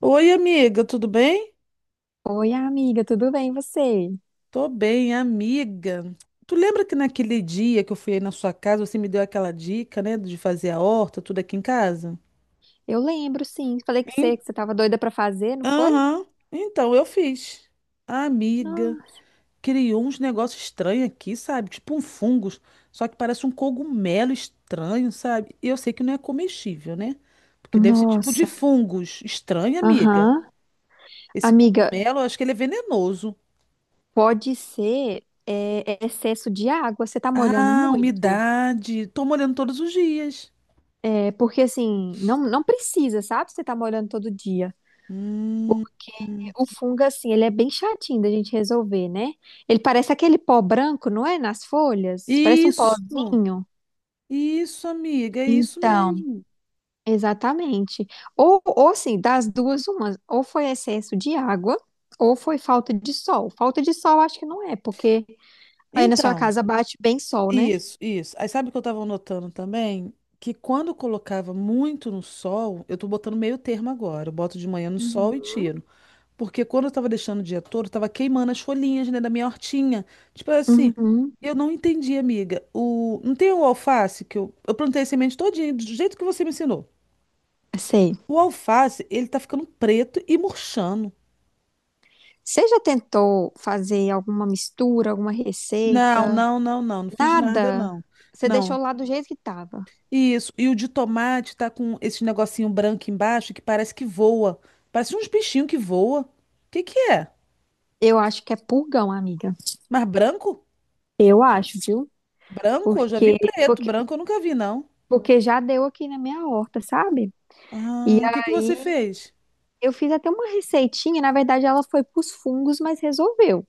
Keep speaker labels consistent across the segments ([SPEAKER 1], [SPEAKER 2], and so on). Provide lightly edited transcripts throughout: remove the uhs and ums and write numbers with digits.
[SPEAKER 1] Oi, amiga, tudo bem?
[SPEAKER 2] Oi, amiga, tudo bem, e você?
[SPEAKER 1] Tô bem, amiga. Tu lembra que naquele dia que eu fui aí na sua casa, você me deu aquela dica, né, de fazer a horta, tudo aqui em casa?
[SPEAKER 2] Eu lembro, sim. Falei que
[SPEAKER 1] Em-
[SPEAKER 2] você tava doida pra fazer, não foi?
[SPEAKER 1] Aham. Então, eu fiz. A amiga
[SPEAKER 2] No-
[SPEAKER 1] criou uns negócios estranhos aqui, sabe? Tipo um fungos, só que parece um cogumelo estranho, sabe? E eu sei que não é comestível, né? Porque deve ser tipo de
[SPEAKER 2] Nossa.
[SPEAKER 1] fungos. Estranho, amiga.
[SPEAKER 2] Aham.
[SPEAKER 1] Esse
[SPEAKER 2] Amiga,
[SPEAKER 1] cogumelo, eu acho que ele é venenoso.
[SPEAKER 2] pode ser é excesso de água, você tá molhando
[SPEAKER 1] Ah,
[SPEAKER 2] muito.
[SPEAKER 1] umidade. Tô molhando todos os dias.
[SPEAKER 2] É, porque assim, não precisa, sabe? Você tá molhando todo dia.
[SPEAKER 1] Hum.
[SPEAKER 2] O fungo, assim, ele é bem chatinho da gente resolver, né? Ele parece aquele pó branco, não é? Nas folhas? Parece um
[SPEAKER 1] Isso,
[SPEAKER 2] pozinho.
[SPEAKER 1] isso, amiga, é isso
[SPEAKER 2] Então.
[SPEAKER 1] mesmo.
[SPEAKER 2] Exatamente. Ou assim, das duas, uma, ou foi excesso de água, ou foi falta de sol. Falta de sol acho que não é, porque aí na sua
[SPEAKER 1] Então,
[SPEAKER 2] casa bate bem sol, né?
[SPEAKER 1] isso, isso. Aí sabe o que eu tava notando também? Que quando eu colocava muito no sol, eu tô botando meio termo agora. Eu boto de manhã no sol e
[SPEAKER 2] Uhum.
[SPEAKER 1] tiro. Porque quando eu tava deixando o dia todo, eu tava queimando as folhinhas, né, da minha hortinha. Tipo assim,
[SPEAKER 2] Uhum.
[SPEAKER 1] eu não entendi, amiga. O... Não tem o alface que eu... Eu plantei semente todinha, do jeito que você me ensinou.
[SPEAKER 2] Sei.
[SPEAKER 1] O alface, ele tá ficando preto e murchando.
[SPEAKER 2] Você já tentou fazer alguma mistura, alguma
[SPEAKER 1] Não,
[SPEAKER 2] receita?
[SPEAKER 1] não, não, não, não fiz nada,
[SPEAKER 2] Nada.
[SPEAKER 1] não.
[SPEAKER 2] Você deixou
[SPEAKER 1] Não.
[SPEAKER 2] lá do jeito que tava.
[SPEAKER 1] Isso. E o de tomate tá com esse negocinho branco embaixo que parece que voa. Parece uns bichinhos que voa. O que que é?
[SPEAKER 2] Eu acho que é purgão, amiga.
[SPEAKER 1] Mas branco?
[SPEAKER 2] Eu acho, viu?
[SPEAKER 1] Branco? Eu já vi
[SPEAKER 2] Porque,
[SPEAKER 1] preto.
[SPEAKER 2] porque,
[SPEAKER 1] Branco eu nunca vi, não.
[SPEAKER 2] porque já deu aqui na minha horta, sabe? E
[SPEAKER 1] Ah, o que que você
[SPEAKER 2] aí,
[SPEAKER 1] fez?
[SPEAKER 2] eu fiz até uma receitinha, na verdade ela foi pros fungos, mas resolveu.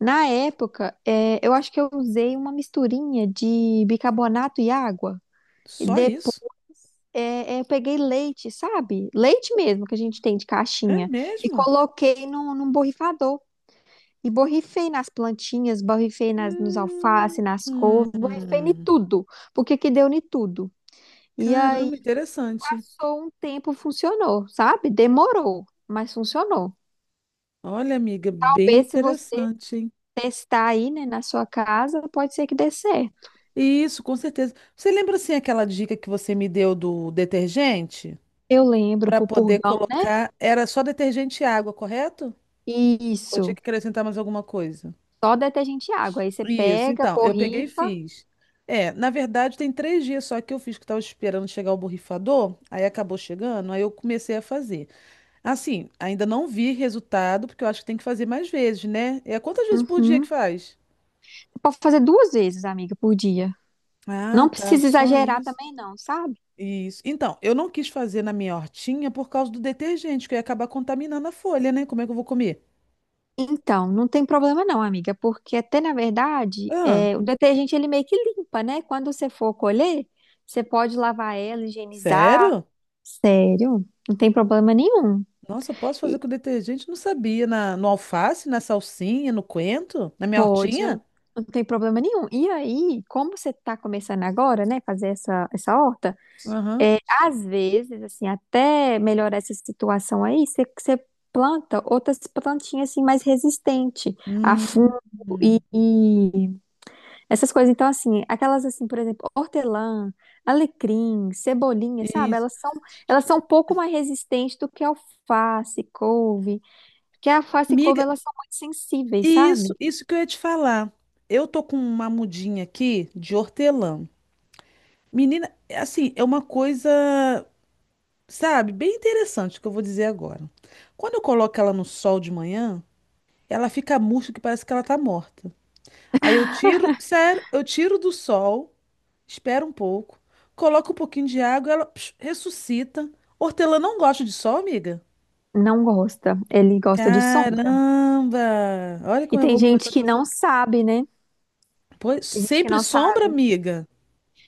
[SPEAKER 2] Na época, eu acho que eu usei uma misturinha de bicarbonato e água. E
[SPEAKER 1] Só
[SPEAKER 2] depois,
[SPEAKER 1] isso?
[SPEAKER 2] eu peguei leite, sabe? Leite mesmo que a gente tem de
[SPEAKER 1] É
[SPEAKER 2] caixinha. E
[SPEAKER 1] mesmo?
[SPEAKER 2] coloquei num borrifador. E borrifei nas plantinhas, borrifei nas, nos alface,
[SPEAKER 1] Hum,
[SPEAKER 2] nas couves, borrifei em
[SPEAKER 1] hum.
[SPEAKER 2] tudo. Porque que deu em tudo. E aí,
[SPEAKER 1] Caramba, interessante.
[SPEAKER 2] passou um tempo, funcionou, sabe? Demorou, mas funcionou.
[SPEAKER 1] Olha, amiga, bem
[SPEAKER 2] Talvez se você
[SPEAKER 1] interessante, hein?
[SPEAKER 2] testar aí, né, na sua casa, pode ser que dê certo.
[SPEAKER 1] Isso, com certeza. Você lembra assim aquela dica que você me deu do detergente
[SPEAKER 2] Eu lembro,
[SPEAKER 1] para
[SPEAKER 2] pro
[SPEAKER 1] poder
[SPEAKER 2] purgão, né?
[SPEAKER 1] colocar? Era só detergente e água, correto? Ou tinha
[SPEAKER 2] Isso.
[SPEAKER 1] que acrescentar mais alguma coisa?
[SPEAKER 2] Só detergente e água. Aí você
[SPEAKER 1] Isso,
[SPEAKER 2] pega,
[SPEAKER 1] então, eu peguei e
[SPEAKER 2] borrifa.
[SPEAKER 1] fiz. É, na verdade, tem três dias só que eu fiz, que eu tava esperando chegar o borrifador, aí acabou chegando, aí eu comecei a fazer. Assim, ainda não vi resultado, porque eu acho que tem que fazer mais vezes, né? É quantas vezes por dia que
[SPEAKER 2] Uhum. Você
[SPEAKER 1] faz?
[SPEAKER 2] Pode fazer duas vezes, amiga, por dia.
[SPEAKER 1] Ah,
[SPEAKER 2] Não
[SPEAKER 1] tá,
[SPEAKER 2] precisa
[SPEAKER 1] só
[SPEAKER 2] exagerar
[SPEAKER 1] isso.
[SPEAKER 2] também, não, sabe?
[SPEAKER 1] Isso. Então, eu não quis fazer na minha hortinha por causa do detergente, que eu ia acabar contaminando a folha, né? Como é que eu vou comer?
[SPEAKER 2] Então, não tem problema não, amiga, porque até na verdade,
[SPEAKER 1] Ah,
[SPEAKER 2] é, o detergente ele meio que limpa, né? Quando você for colher, você pode lavar ela, higienizar.
[SPEAKER 1] sério?
[SPEAKER 2] Sério, não tem problema nenhum.
[SPEAKER 1] Nossa, eu posso fazer com detergente? Não sabia. No alface, na salsinha, no coentro, na minha
[SPEAKER 2] Pode,
[SPEAKER 1] hortinha?
[SPEAKER 2] não, não tem problema nenhum. E aí, como você está começando agora, né, fazer essa horta,
[SPEAKER 1] Aham.
[SPEAKER 2] é, às vezes, assim, até melhorar essa situação aí, você planta outras plantinhas, assim, mais resistente a
[SPEAKER 1] Hum,
[SPEAKER 2] fungo e,
[SPEAKER 1] hum.
[SPEAKER 2] e essas coisas. Então, assim, aquelas, assim, por exemplo, hortelã, alecrim, cebolinha, sabe?
[SPEAKER 1] Isso.
[SPEAKER 2] Elas são um pouco mais resistentes do que alface, couve, porque a alface e couve,
[SPEAKER 1] Amiga,
[SPEAKER 2] elas são muito sensíveis,
[SPEAKER 1] isso,
[SPEAKER 2] sabe?
[SPEAKER 1] isso que eu ia te falar. Eu tô com uma mudinha aqui de hortelã. Menina, é assim, é uma coisa, sabe, bem interessante que eu vou dizer agora. Quando eu coloco ela no sol de manhã, ela fica murcha que parece que ela tá morta. Aí eu tiro, sério, eu tiro do sol, espero um pouco, coloco um pouquinho de água, ela psh, ressuscita. Hortelã não gosta de sol, amiga?
[SPEAKER 2] Não gosta. Ele gosta de sombra.
[SPEAKER 1] Caramba! Olha
[SPEAKER 2] E
[SPEAKER 1] como é
[SPEAKER 2] tem
[SPEAKER 1] bom
[SPEAKER 2] gente
[SPEAKER 1] conversar
[SPEAKER 2] que
[SPEAKER 1] com você.
[SPEAKER 2] não sabe, né?
[SPEAKER 1] Pois,
[SPEAKER 2] Tem gente que
[SPEAKER 1] sempre
[SPEAKER 2] não
[SPEAKER 1] sombra,
[SPEAKER 2] sabe.
[SPEAKER 1] amiga.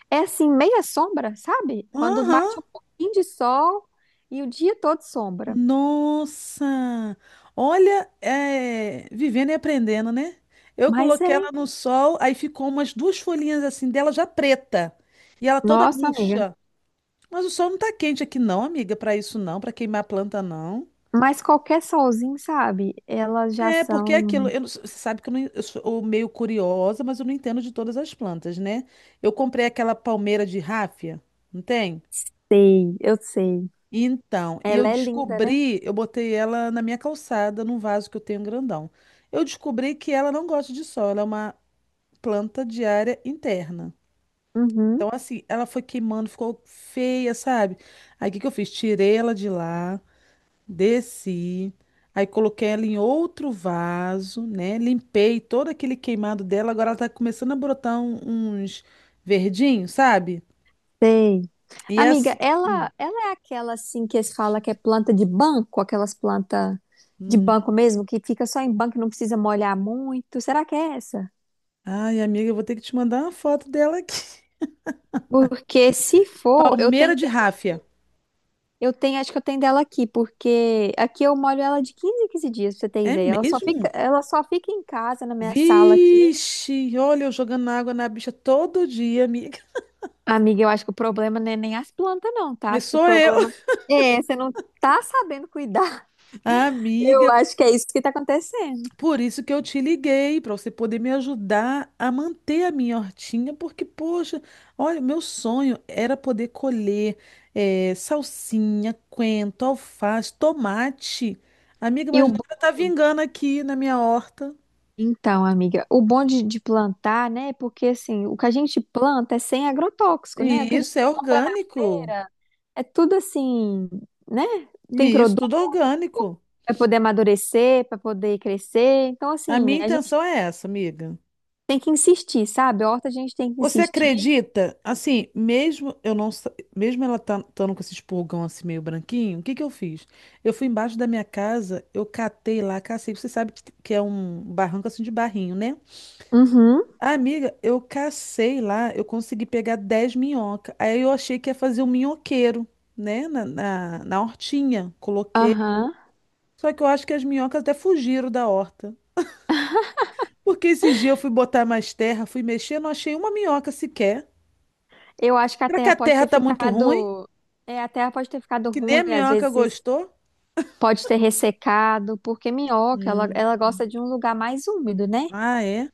[SPEAKER 2] É assim, meia sombra, sabe? Quando
[SPEAKER 1] Aham.
[SPEAKER 2] bate um pouquinho de sol e o dia todo sombra.
[SPEAKER 1] Nossa! Olha, é, vivendo e aprendendo, né? Eu
[SPEAKER 2] Mas
[SPEAKER 1] coloquei ela
[SPEAKER 2] é.
[SPEAKER 1] no sol, aí ficou umas duas folhinhas assim dela já preta. E ela toda
[SPEAKER 2] Nossa, amiga.
[SPEAKER 1] murcha. Mas o sol não tá quente aqui não, amiga, pra isso não, pra queimar a planta não.
[SPEAKER 2] Mas qualquer solzinho, sabe? Elas já
[SPEAKER 1] É, porque é aquilo,
[SPEAKER 2] são.
[SPEAKER 1] eu não- você sabe que eu, não, eu sou meio curiosa, mas eu não entendo de todas as plantas, né? Eu comprei aquela palmeira de ráfia, não tem?
[SPEAKER 2] Sei, eu sei.
[SPEAKER 1] Então, e eu
[SPEAKER 2] Ela é linda, né?
[SPEAKER 1] descobri, eu botei ela na minha calçada, num vaso que eu tenho grandão. Eu descobri que ela não gosta de sol, ela é uma planta de área interna.
[SPEAKER 2] Uhum,
[SPEAKER 1] Então, assim, ela foi queimando, ficou feia, sabe? Aí, o que que eu fiz? Tirei ela de lá. Desci, aí coloquei ela em outro vaso, né? Limpei todo aquele queimado dela. Agora ela tá começando a brotar uns verdinhos, sabe?
[SPEAKER 2] sei.
[SPEAKER 1] E
[SPEAKER 2] Amiga,
[SPEAKER 1] as...
[SPEAKER 2] ela é aquela assim que eles falam que é planta de banco, aquelas plantas de
[SPEAKER 1] Hum.
[SPEAKER 2] banco mesmo, que fica só em banco e não precisa molhar muito. Será que é essa?
[SPEAKER 1] Ai, amiga, eu vou ter que te mandar uma foto dela aqui.
[SPEAKER 2] Porque se for, eu tenho
[SPEAKER 1] Palmeira de
[SPEAKER 2] dela
[SPEAKER 1] ráfia.
[SPEAKER 2] aqui. Eu tenho, acho que eu tenho dela aqui, porque aqui eu molho ela de 15 em 15 dias, pra você ter
[SPEAKER 1] É
[SPEAKER 2] ideia.
[SPEAKER 1] mesmo?
[SPEAKER 2] Ela só fica em casa, na minha sala aqui.
[SPEAKER 1] Vixe, olha eu jogando água na bicha todo dia, amiga.
[SPEAKER 2] Amiga, eu acho que o problema não é nem as plantas, não, tá?
[SPEAKER 1] Mas
[SPEAKER 2] Acho que o
[SPEAKER 1] sou eu.
[SPEAKER 2] problema é, você não tá sabendo cuidar. Eu
[SPEAKER 1] Amiga,
[SPEAKER 2] acho que é isso que tá acontecendo.
[SPEAKER 1] por isso que eu te liguei, para você poder me ajudar a manter a minha hortinha, porque, poxa, olha, meu sonho era poder colher salsinha, coentro, alface, tomate. Amiga,
[SPEAKER 2] E o
[SPEAKER 1] mas
[SPEAKER 2] bo-
[SPEAKER 1] nada tá vingando aqui na minha horta.
[SPEAKER 2] Então, amiga, o bom de plantar, né? É porque assim, o que a gente planta é sem agrotóxico, né? O
[SPEAKER 1] E
[SPEAKER 2] que a
[SPEAKER 1] isso é
[SPEAKER 2] gente compra na
[SPEAKER 1] orgânico.
[SPEAKER 2] feira é tudo assim, né? Tem
[SPEAKER 1] E isso,
[SPEAKER 2] produto
[SPEAKER 1] tudo orgânico.
[SPEAKER 2] para poder amadurecer, para poder crescer. Então,
[SPEAKER 1] A
[SPEAKER 2] assim,
[SPEAKER 1] minha
[SPEAKER 2] a gente
[SPEAKER 1] intenção é essa, amiga.
[SPEAKER 2] tem que insistir, sabe? A horta a gente tem que
[SPEAKER 1] Você
[SPEAKER 2] insistir.
[SPEAKER 1] acredita? Assim, mesmo eu não, sa- mesmo ela tá estando com esse espulgão assim meio branquinho, o que que eu fiz? Eu fui embaixo da minha casa, eu catei lá, cacei. Você sabe que é um barranco assim de barrinho, né?
[SPEAKER 2] Uhum,
[SPEAKER 1] Amiga, eu cacei lá, eu consegui pegar 10 minhocas. Aí eu achei que ia fazer um minhoqueiro, né? Na hortinha, coloquei.
[SPEAKER 2] aham.
[SPEAKER 1] Só que eu acho que as minhocas até fugiram da horta. Porque esses dias eu fui botar mais terra, fui mexer, não achei uma minhoca sequer.
[SPEAKER 2] Eu acho que a
[SPEAKER 1] Será que
[SPEAKER 2] terra
[SPEAKER 1] a
[SPEAKER 2] pode
[SPEAKER 1] terra
[SPEAKER 2] ter
[SPEAKER 1] tá muito ruim?
[SPEAKER 2] ficado. É, a terra pode ter ficado
[SPEAKER 1] Que nem a
[SPEAKER 2] ruim, às
[SPEAKER 1] minhoca
[SPEAKER 2] vezes
[SPEAKER 1] gostou?
[SPEAKER 2] pode ter ressecado, porque minhoca,
[SPEAKER 1] Hum.
[SPEAKER 2] ela gosta de um lugar mais úmido, né?
[SPEAKER 1] Ah, é?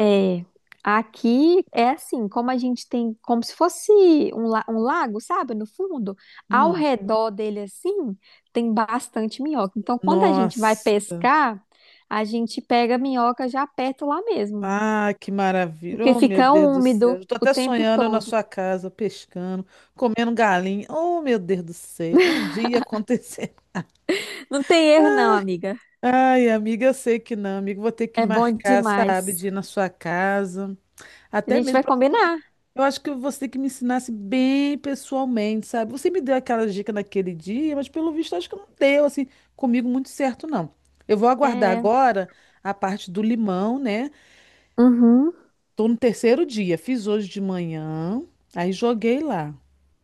[SPEAKER 2] É, aqui é assim, como a gente tem, como se fosse um lago, sabe, no fundo, ao
[SPEAKER 1] Hum.
[SPEAKER 2] redor dele assim, tem bastante minhoca. Então, quando a gente vai
[SPEAKER 1] Nossa.
[SPEAKER 2] pescar, a gente pega a minhoca já perto lá mesmo,
[SPEAKER 1] Ah, que maravilha.
[SPEAKER 2] porque
[SPEAKER 1] Oh, meu
[SPEAKER 2] fica
[SPEAKER 1] Deus do céu.
[SPEAKER 2] úmido
[SPEAKER 1] Estou
[SPEAKER 2] o
[SPEAKER 1] até
[SPEAKER 2] tempo
[SPEAKER 1] sonhando eu na sua
[SPEAKER 2] todo.
[SPEAKER 1] casa, pescando, comendo galinha. Oh, meu Deus do céu. Um dia acontecer.
[SPEAKER 2] Não tem erro não, amiga.
[SPEAKER 1] Ai, amiga, eu sei que não, amiga. Vou ter que
[SPEAKER 2] É bom
[SPEAKER 1] marcar, sabe,
[SPEAKER 2] demais.
[SPEAKER 1] de ir na sua casa.
[SPEAKER 2] A
[SPEAKER 1] Até
[SPEAKER 2] gente
[SPEAKER 1] mesmo
[SPEAKER 2] vai
[SPEAKER 1] para você
[SPEAKER 2] combinar.
[SPEAKER 1] poder. Eu acho que você tem que me ensinasse bem pessoalmente, sabe? Você me deu aquela dica naquele dia, mas pelo visto acho que não deu, assim, comigo muito certo, não. Eu vou aguardar
[SPEAKER 2] É.
[SPEAKER 1] agora a parte do limão, né?
[SPEAKER 2] Uhum.
[SPEAKER 1] Tô no terceiro dia, fiz hoje de manhã, aí joguei lá,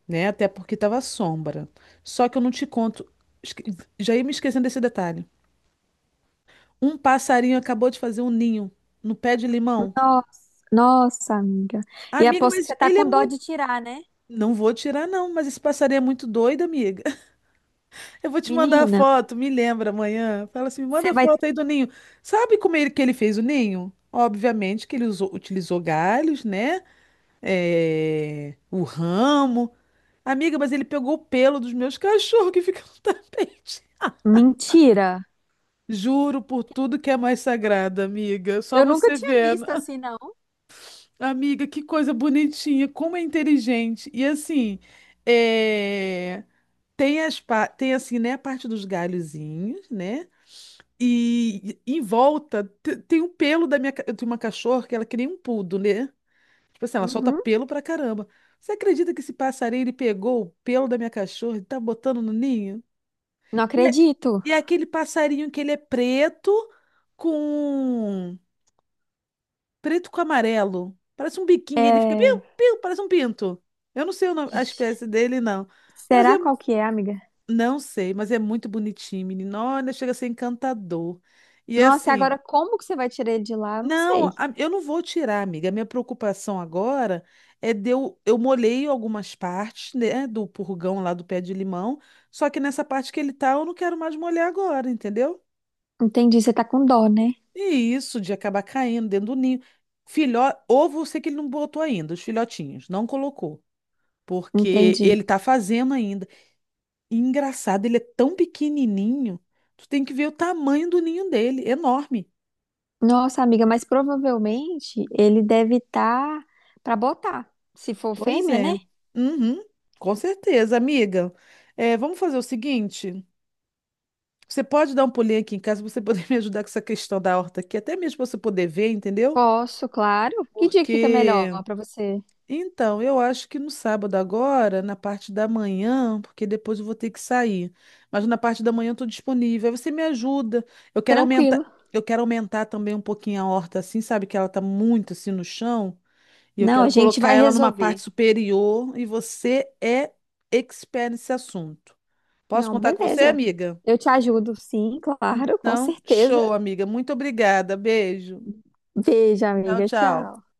[SPEAKER 1] né? Até porque tava sombra. Só que eu não te conto, esque- já ia me esquecendo desse detalhe. Um passarinho acabou de fazer um ninho no pé de limão.
[SPEAKER 2] Nossa, nossa, amiga. E
[SPEAKER 1] Amiga,
[SPEAKER 2] aposto
[SPEAKER 1] mas
[SPEAKER 2] que você tá
[SPEAKER 1] ele é
[SPEAKER 2] com dó
[SPEAKER 1] muito
[SPEAKER 2] de tirar, né?
[SPEAKER 1] não vou tirar, não, mas esse passarinho é muito doido, amiga. Eu vou te mandar a
[SPEAKER 2] Menina,
[SPEAKER 1] foto, me lembra amanhã. Fala assim, me manda
[SPEAKER 2] você
[SPEAKER 1] a
[SPEAKER 2] vai
[SPEAKER 1] foto aí do ninho. Sabe como ele, que ele fez o ninho? Obviamente que ele utilizou galhos, né? É, o ramo. Amiga, mas ele pegou o pelo dos meus cachorros que ficam no tapete.
[SPEAKER 2] Mentira.
[SPEAKER 1] Juro por tudo que é mais sagrado, amiga. Só
[SPEAKER 2] Eu nunca
[SPEAKER 1] você
[SPEAKER 2] tinha
[SPEAKER 1] vendo.
[SPEAKER 2] visto assim, não.
[SPEAKER 1] Amiga, que coisa bonitinha, como é inteligente. E assim. É... tem assim, né, a parte dos galhozinhos, né? E em volta tem um pelo eu tenho uma cachorra que ela é que nem um poodle, né? Tipo assim, ela solta
[SPEAKER 2] Uhum.
[SPEAKER 1] pelo pra caramba. Você acredita que esse passarinho ele pegou o pelo da minha cachorra e tá botando no ninho?
[SPEAKER 2] Não
[SPEAKER 1] E é,
[SPEAKER 2] acredito.
[SPEAKER 1] e é aquele passarinho que ele é com preto com amarelo. Parece um biquinho, ele fica piu,
[SPEAKER 2] É...
[SPEAKER 1] piu, parece um pinto. Eu não sei a
[SPEAKER 2] Ixi.
[SPEAKER 1] espécie dele, não. Mas
[SPEAKER 2] Será
[SPEAKER 1] é
[SPEAKER 2] qual que é, amiga?
[SPEAKER 1] não sei, mas é muito bonitinho, menino. Olha, chega a ser encantador. E é
[SPEAKER 2] Nossa, e
[SPEAKER 1] assim,
[SPEAKER 2] agora como que você vai tirar ele de lá? Eu não sei.
[SPEAKER 1] eu não vou tirar, amiga. A minha preocupação agora é de eu molhei algumas partes, né, do purgão lá do pé de limão, só que nessa parte que ele tá, eu não quero mais molhar agora, entendeu?
[SPEAKER 2] Entendi, você tá com dó, né?
[SPEAKER 1] E isso de acabar caindo dentro do ninho. Filhó, ovo, eu sei que ele não botou ainda, os filhotinhos, não colocou, porque
[SPEAKER 2] Entendi.
[SPEAKER 1] ele tá fazendo ainda. E engraçado, ele é tão pequenininho. Tu tem que ver o tamanho do ninho dele, enorme.
[SPEAKER 2] Nossa, amiga, mas provavelmente ele deve estar tá para botar. Se for
[SPEAKER 1] Pois
[SPEAKER 2] fêmea, né?
[SPEAKER 1] é. Uhum, com certeza, amiga. É, vamos fazer o seguinte. Você pode dar um pulinho aqui em casa para você poder me ajudar com essa questão da horta aqui, até mesmo para você poder ver, entendeu?
[SPEAKER 2] Posso, claro. Que dia que fica melhor
[SPEAKER 1] Porque
[SPEAKER 2] pra você?
[SPEAKER 1] então, eu acho que no sábado agora, na parte da manhã, porque depois eu vou ter que sair. Mas na parte da manhã eu estou disponível. Aí você me ajuda. Eu quero aumentar,
[SPEAKER 2] Tranquilo.
[SPEAKER 1] eu quero aumentar também um pouquinho a horta assim, sabe? Que ela tá muito assim no chão. E eu
[SPEAKER 2] Não,
[SPEAKER 1] quero
[SPEAKER 2] a gente
[SPEAKER 1] colocar
[SPEAKER 2] vai
[SPEAKER 1] ela numa parte
[SPEAKER 2] resolver.
[SPEAKER 1] superior. E você é expert nesse assunto. Posso
[SPEAKER 2] Não,
[SPEAKER 1] contar com você,
[SPEAKER 2] beleza.
[SPEAKER 1] amiga?
[SPEAKER 2] Eu te ajudo, sim, claro, com
[SPEAKER 1] Então,
[SPEAKER 2] certeza.
[SPEAKER 1] show, amiga. Muito obrigada. Beijo.
[SPEAKER 2] Beijo,
[SPEAKER 1] Tchau,
[SPEAKER 2] amiga.
[SPEAKER 1] tchau.
[SPEAKER 2] Tchau.